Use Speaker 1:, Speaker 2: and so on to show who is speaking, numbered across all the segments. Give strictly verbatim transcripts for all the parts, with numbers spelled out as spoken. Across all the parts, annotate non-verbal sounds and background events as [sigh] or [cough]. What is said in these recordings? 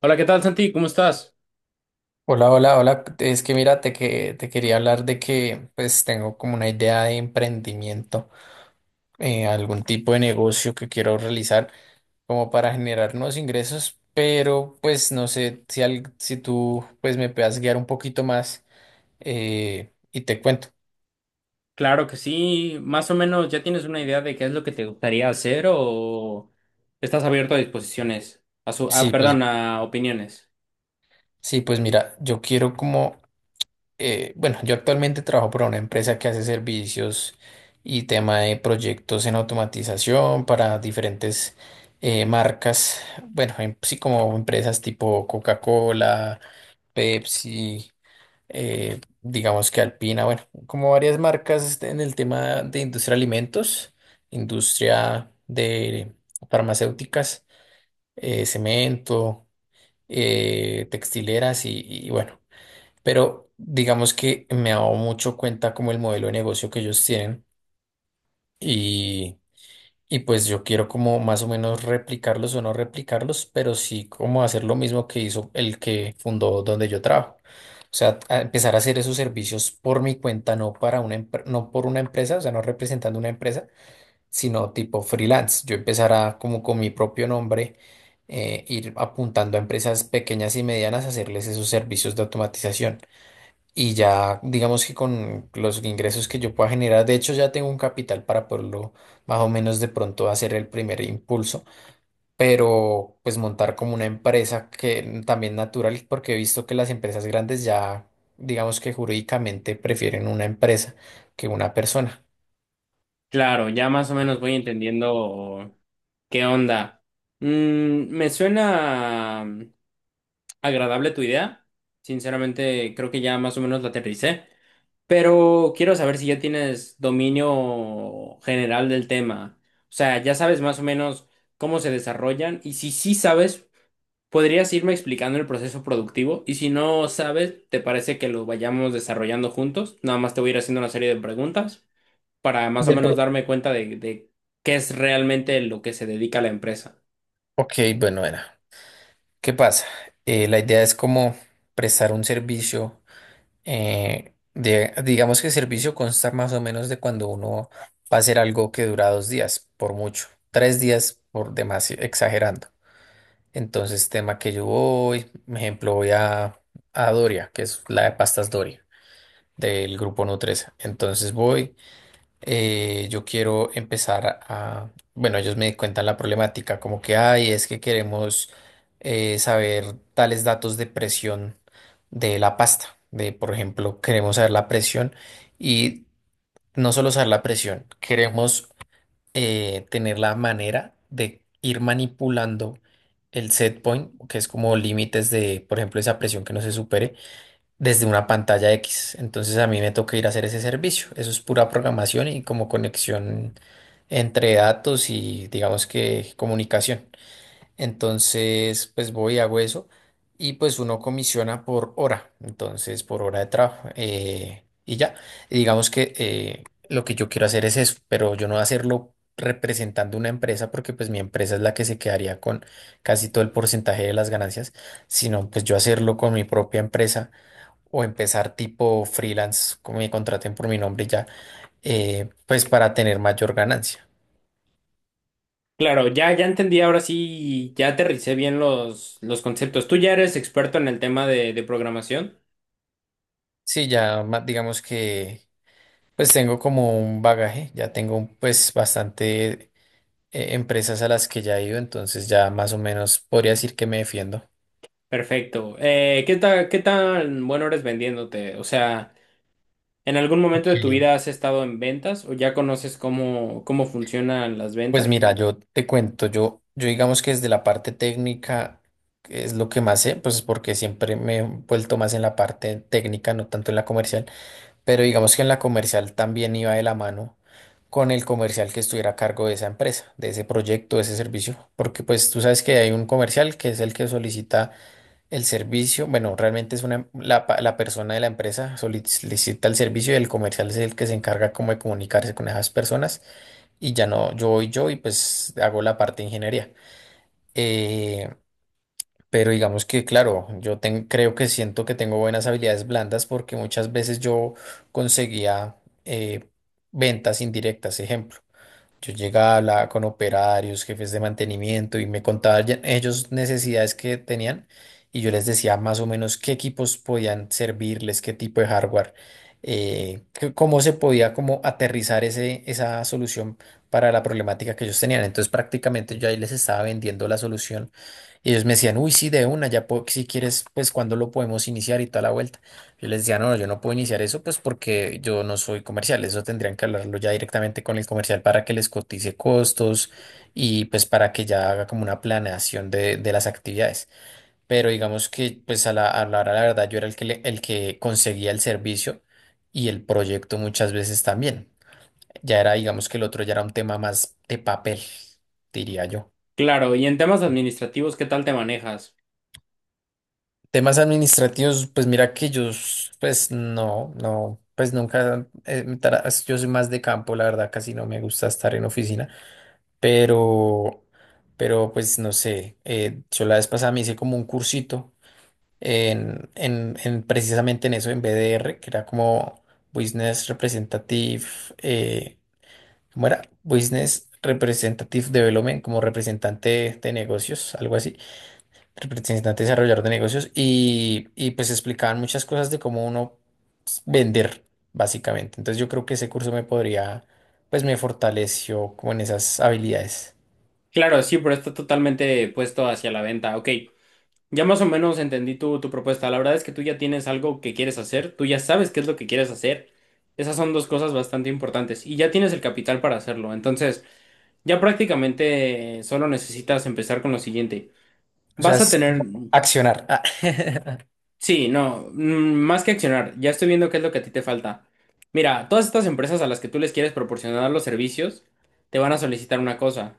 Speaker 1: Hola, ¿qué tal, Santi? ¿Cómo estás?
Speaker 2: Hola, hola, hola. Es que mira, te, que, te quería hablar de que pues tengo como una idea de emprendimiento, eh, algún tipo de negocio que quiero realizar como para generar nuevos ingresos, pero pues no sé si, al- si tú pues me puedas guiar un poquito más eh, y te cuento.
Speaker 1: Claro que sí. Más o menos, ¿ya tienes una idea de qué es lo que te gustaría hacer o estás abierto a disposiciones? A su, ah,
Speaker 2: Sí, pues,
Speaker 1: perdón, a opiniones.
Speaker 2: sí, pues mira, yo quiero como eh, bueno, yo actualmente trabajo para una empresa que hace servicios y tema de proyectos en automatización para diferentes eh, marcas. Bueno, em- sí, como empresas tipo Coca-Cola, Pepsi, eh, digamos que Alpina, bueno, como varias marcas, este, en el tema de industria de alimentos, industria de farmacéuticas, eh, cemento, eh, textileras y y bueno, pero digamos que me he dado mucho cuenta como el modelo de negocio que ellos tienen, y, y pues yo quiero como más o menos replicarlos, o no replicarlos, pero sí como hacer lo mismo que hizo el que fundó donde yo trabajo. O sea, a empezar a hacer esos servicios por mi cuenta, no para una empre- no por una empresa, o sea, no representando una empresa, sino tipo freelance. Yo empezar a como con mi propio nombre eh, ir apuntando a empresas pequeñas y medianas a hacerles esos servicios de automatización. Y ya, digamos que con los ingresos que yo pueda generar, de hecho ya tengo un capital para poderlo más o menos de pronto hacer el primer impulso, pero pues montar como una empresa que también natural, porque he visto que las empresas grandes ya, digamos que jurídicamente prefieren una empresa que una persona.
Speaker 1: Claro, ya más o menos voy entendiendo qué onda. Mm, me suena. Agradable tu idea. Sinceramente, creo que ya más o menos la aterricé. Pero quiero saber si ya tienes dominio general del tema. O sea, ya sabes más o menos cómo se desarrollan y si sí sabes, podrías irme explicando el proceso productivo y si no sabes, ¿te parece que lo vayamos desarrollando juntos? Nada más te voy a ir haciendo una serie de preguntas para más o
Speaker 2: Del
Speaker 1: menos
Speaker 2: pro-
Speaker 1: darme cuenta de, de qué es realmente lo que se dedica a la empresa.
Speaker 2: Ok, bueno, era. ¿Qué pasa? Eh, la idea es como prestar un servicio. Eh, de- digamos que el servicio consta más o menos de cuando uno va a hacer algo que dura dos días, por mucho, tres días por demás, exagerando. Entonces, tema que yo voy, por ejemplo, voy a, a Doria, que es la de pastas Doria del grupo Nutresa. Entonces voy, eh, yo quiero empezar a, bueno, ellos me cuentan la problemática, como que, ay, es que queremos eh, saber tales datos de presión de la pasta, de, por ejemplo, queremos saber la presión, y no solo saber la presión, queremos eh, tener la manera de ir manipulando el set point, que es como límites de, por ejemplo, esa presión que no se supere desde una pantalla X. Entonces a mí me toca ir a hacer ese servicio. Eso es pura programación y como conexión entre datos y digamos que comunicación. Entonces pues voy, hago eso, y pues uno comisiona por hora, entonces por hora de trabajo, eh, y ya. Y digamos que, eh, lo que yo quiero hacer es eso, pero yo no voy a hacerlo representando una empresa, porque pues mi empresa es la que se quedaría con casi todo el porcentaje de las ganancias, sino pues yo hacerlo con mi propia empresa o empezar tipo freelance, como me contraten por mi nombre y ya, eh, pues para tener mayor ganancia.
Speaker 1: Claro, ya, ya entendí, ahora sí, ya aterricé bien los, los conceptos. Tú ya eres experto en el tema de, de programación.
Speaker 2: Sí, ya ma- digamos que pues tengo como un bagaje, ya tengo pues bastante, eh, empresas a las que ya he ido, entonces ya más o menos podría decir que me defiendo.
Speaker 1: Perfecto. Eh, ¿qué tal, qué tan bueno eres vendiéndote? O sea, ¿en algún
Speaker 2: Ok.
Speaker 1: momento de tu vida has estado en ventas o ya conoces cómo, cómo funcionan las
Speaker 2: Pues
Speaker 1: ventas?
Speaker 2: mira, yo te cuento, yo, yo digamos que desde la parte técnica, que es lo que más sé, pues porque siempre me he vuelto más en la parte técnica, no tanto en la comercial. Pero digamos que en la comercial también iba de la mano con el comercial que estuviera a cargo de esa empresa, de ese proyecto, de ese servicio, porque pues tú sabes que hay un comercial que es el que solicita el servicio. Bueno, realmente es una, la, pa- la persona de la empresa solicita el servicio, y el comercial es el que se encarga como de comunicarse con esas personas y ya no, yo voy yo y pues hago la parte de ingeniería. Eh, pero digamos que, claro, yo ten- creo que siento que tengo buenas habilidades blandas, porque muchas veces yo conseguía, eh, ventas indirectas, ejemplo. Yo llegaba, hablaba con operarios, jefes de mantenimiento y me contaban ya- ellos necesidades que tenían, y yo les decía más o menos qué equipos podían servirles, qué tipo de hardware, eh, qué- cómo se podía como aterrizar ese, esa solución para la problemática que ellos tenían. Entonces prácticamente yo ahí les estaba vendiendo la solución, y ellos me decían, uy, sí, de una, ya po- si quieres, pues cuándo lo podemos iniciar y tal la vuelta. Yo les decía, no, no, yo no puedo iniciar eso, pues porque yo no soy comercial. Eso tendrían que hablarlo ya directamente con el comercial para que les cotice costos y pues para que ya haga como una planeación de, de las actividades. Pero digamos que pues a la, a la hora, la verdad, yo era el que, le- el que conseguía el servicio y el proyecto muchas veces también. Ya era, digamos que el otro ya era un tema más de papel, diría yo.
Speaker 1: Claro, y en temas administrativos, ¿qué tal te manejas?
Speaker 2: Temas administrativos, pues mira que yo, s- pues no, no, pues nunca, eh, me tara- yo soy más de campo, la verdad, casi no me gusta estar en oficina, pero, pero pues no sé, eh, yo la vez pasada me hice como un cursito en, en, en precisamente en eso, en B D R, que era como Business Representative, eh, ¿cómo era? Business Representative Development, como representante de negocios, algo así, representante desarrollador de negocios, y, y pues explicaban muchas cosas de cómo uno pues vender, básicamente. Entonces yo creo que ese curso me podría, pues me fortaleció como en esas habilidades.
Speaker 1: Claro, sí, pero está totalmente puesto hacia la venta. Ok, ya más o menos entendí tu, tu propuesta. La verdad es que tú ya tienes algo que quieres hacer, tú ya sabes qué es lo que quieres hacer. Esas son dos cosas bastante importantes y ya tienes el capital para hacerlo. Entonces, ya prácticamente eh, solo necesitas empezar con lo siguiente.
Speaker 2: O sea,
Speaker 1: Vas a
Speaker 2: es
Speaker 1: tener,
Speaker 2: como accionar. Ah. [laughs]
Speaker 1: sí, no, mm, más que accionar, ya estoy viendo qué es lo que a ti te falta. Mira, todas estas empresas a las que tú les quieres proporcionar los servicios, te van a solicitar una cosa,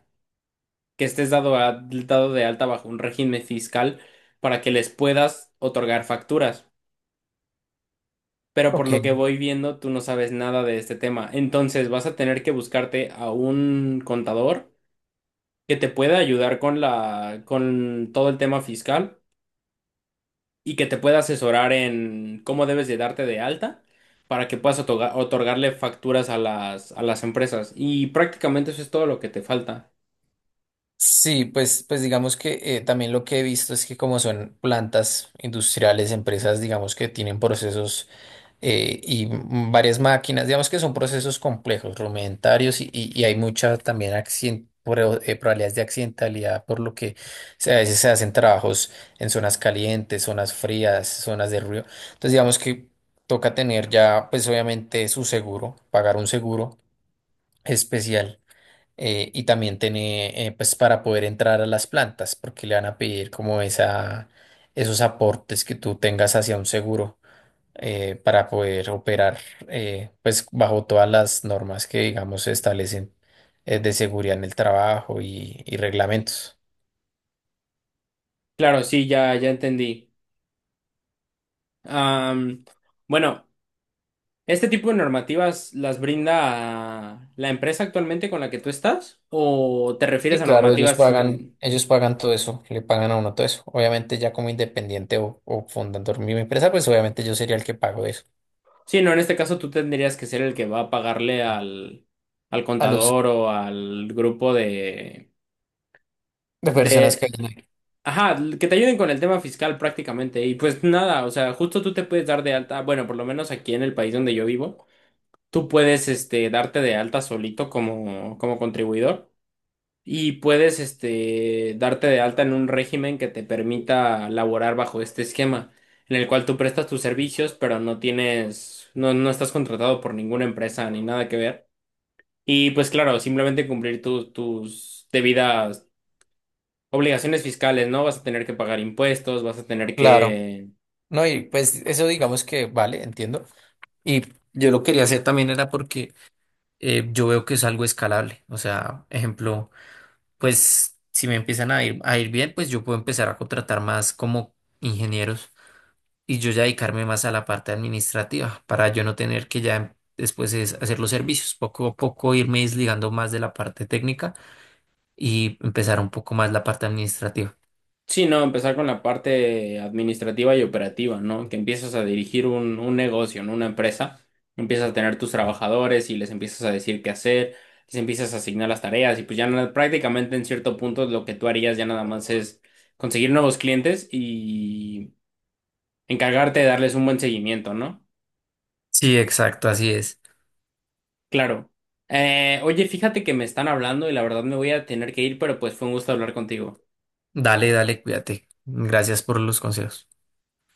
Speaker 1: que estés dado, a- dado de alta bajo un régimen fiscal para que les puedas otorgar facturas. Pero por
Speaker 2: Ok.
Speaker 1: lo que voy viendo, tú no sabes nada de este tema. Entonces vas a tener que buscarte a un contador que te pueda ayudar con la, con todo el tema fiscal y que te pueda asesorar en cómo debes de darte de alta para que puedas otorga- otorgarle facturas a las, a las empresas. Y prácticamente eso es todo lo que te falta.
Speaker 2: Sí, pues, pues digamos que, eh, también lo que he visto es que como son plantas industriales, empresas, digamos que tienen procesos, eh, y varias máquinas. Digamos que son procesos complejos, rudimentarios y, y- y hay mucha también accien- pro- eh, probabilidades de accidentalidad, por lo que se- a veces se hacen trabajos en zonas calientes, zonas frías, zonas de ruido. Entonces, digamos que toca tener ya, pues obviamente su seguro, pagar un seguro especial, eh, y también tener, eh, pues para poder entrar a las plantas, porque le van a pedir como esa, esos aportes que tú tengas hacia un seguro, eh, para poder operar, eh, pues bajo todas las normas que digamos se establecen, eh, de seguridad en el trabajo y, y reglamentos.
Speaker 1: Claro, sí, ya, ya entendí. Am, bueno. ¿Este tipo de normativas las brinda la empresa actualmente con la que tú estás? ¿O te refieres
Speaker 2: Sí,
Speaker 1: a
Speaker 2: claro, ellos
Speaker 1: normativas
Speaker 2: pagan,
Speaker 1: sin...
Speaker 2: ellos pagan todo eso, le pagan a uno todo eso. Obviamente ya como independiente o, o fundando mi empresa, pues obviamente yo sería el que pago eso
Speaker 1: Sí, no, en este caso tú tendrías que ser el que va a pagarle al, al
Speaker 2: a los
Speaker 1: contador o al grupo de,
Speaker 2: de personas que
Speaker 1: de...
Speaker 2: hayan ahí.
Speaker 1: Ajá, que te ayuden con el tema fiscal prácticamente. Y pues nada, o sea, justo tú te puedes dar de alta, bueno, por lo menos aquí en el país donde yo vivo, tú puedes este, darte de alta solito como, como contribuidor. Y puedes, este, darte de alta en un régimen que te permita laborar bajo este esquema, en el cual tú prestas tus servicios, pero no tienes, no, no estás contratado por ninguna empresa ni nada que ver. Y pues claro, simplemente cumplir tus tus debidas obligaciones fiscales, ¿no? Vas a tener que pagar impuestos, vas a tener
Speaker 2: Claro,
Speaker 1: que
Speaker 2: no, y pues eso digamos que vale, entiendo. Y yo lo quería hacer también era porque, eh, yo veo que es algo escalable. O sea, ejemplo, pues si me empiezan a ir, a ir bien, pues yo puedo empezar a contratar más como ingenieros, y yo ya dedicarme más a la parte administrativa, para yo no tener que ya, em, después es hacer los servicios, poco a poco irme desligando más de la parte técnica y empezar un poco más la parte administrativa.
Speaker 1: sí, no, empezar con la parte administrativa y operativa, ¿no? Que empiezas a dirigir un, un negocio, ¿no? Una empresa. Empiezas a tener tus trabajadores y les empiezas a decir qué hacer, les empiezas a asignar las tareas y pues ya nada- prácticamente en cierto punto lo que tú harías ya nada más es conseguir nuevos clientes y encargarte de darles un buen seguimiento, ¿no?
Speaker 2: Sí, exacto, así es.
Speaker 1: Claro. Eh, oye, fíjate que me están hablando y la verdad me voy a tener que ir, pero pues fue un gusto hablar contigo.
Speaker 2: Dale, dale, cuídate. Gracias por los consejos.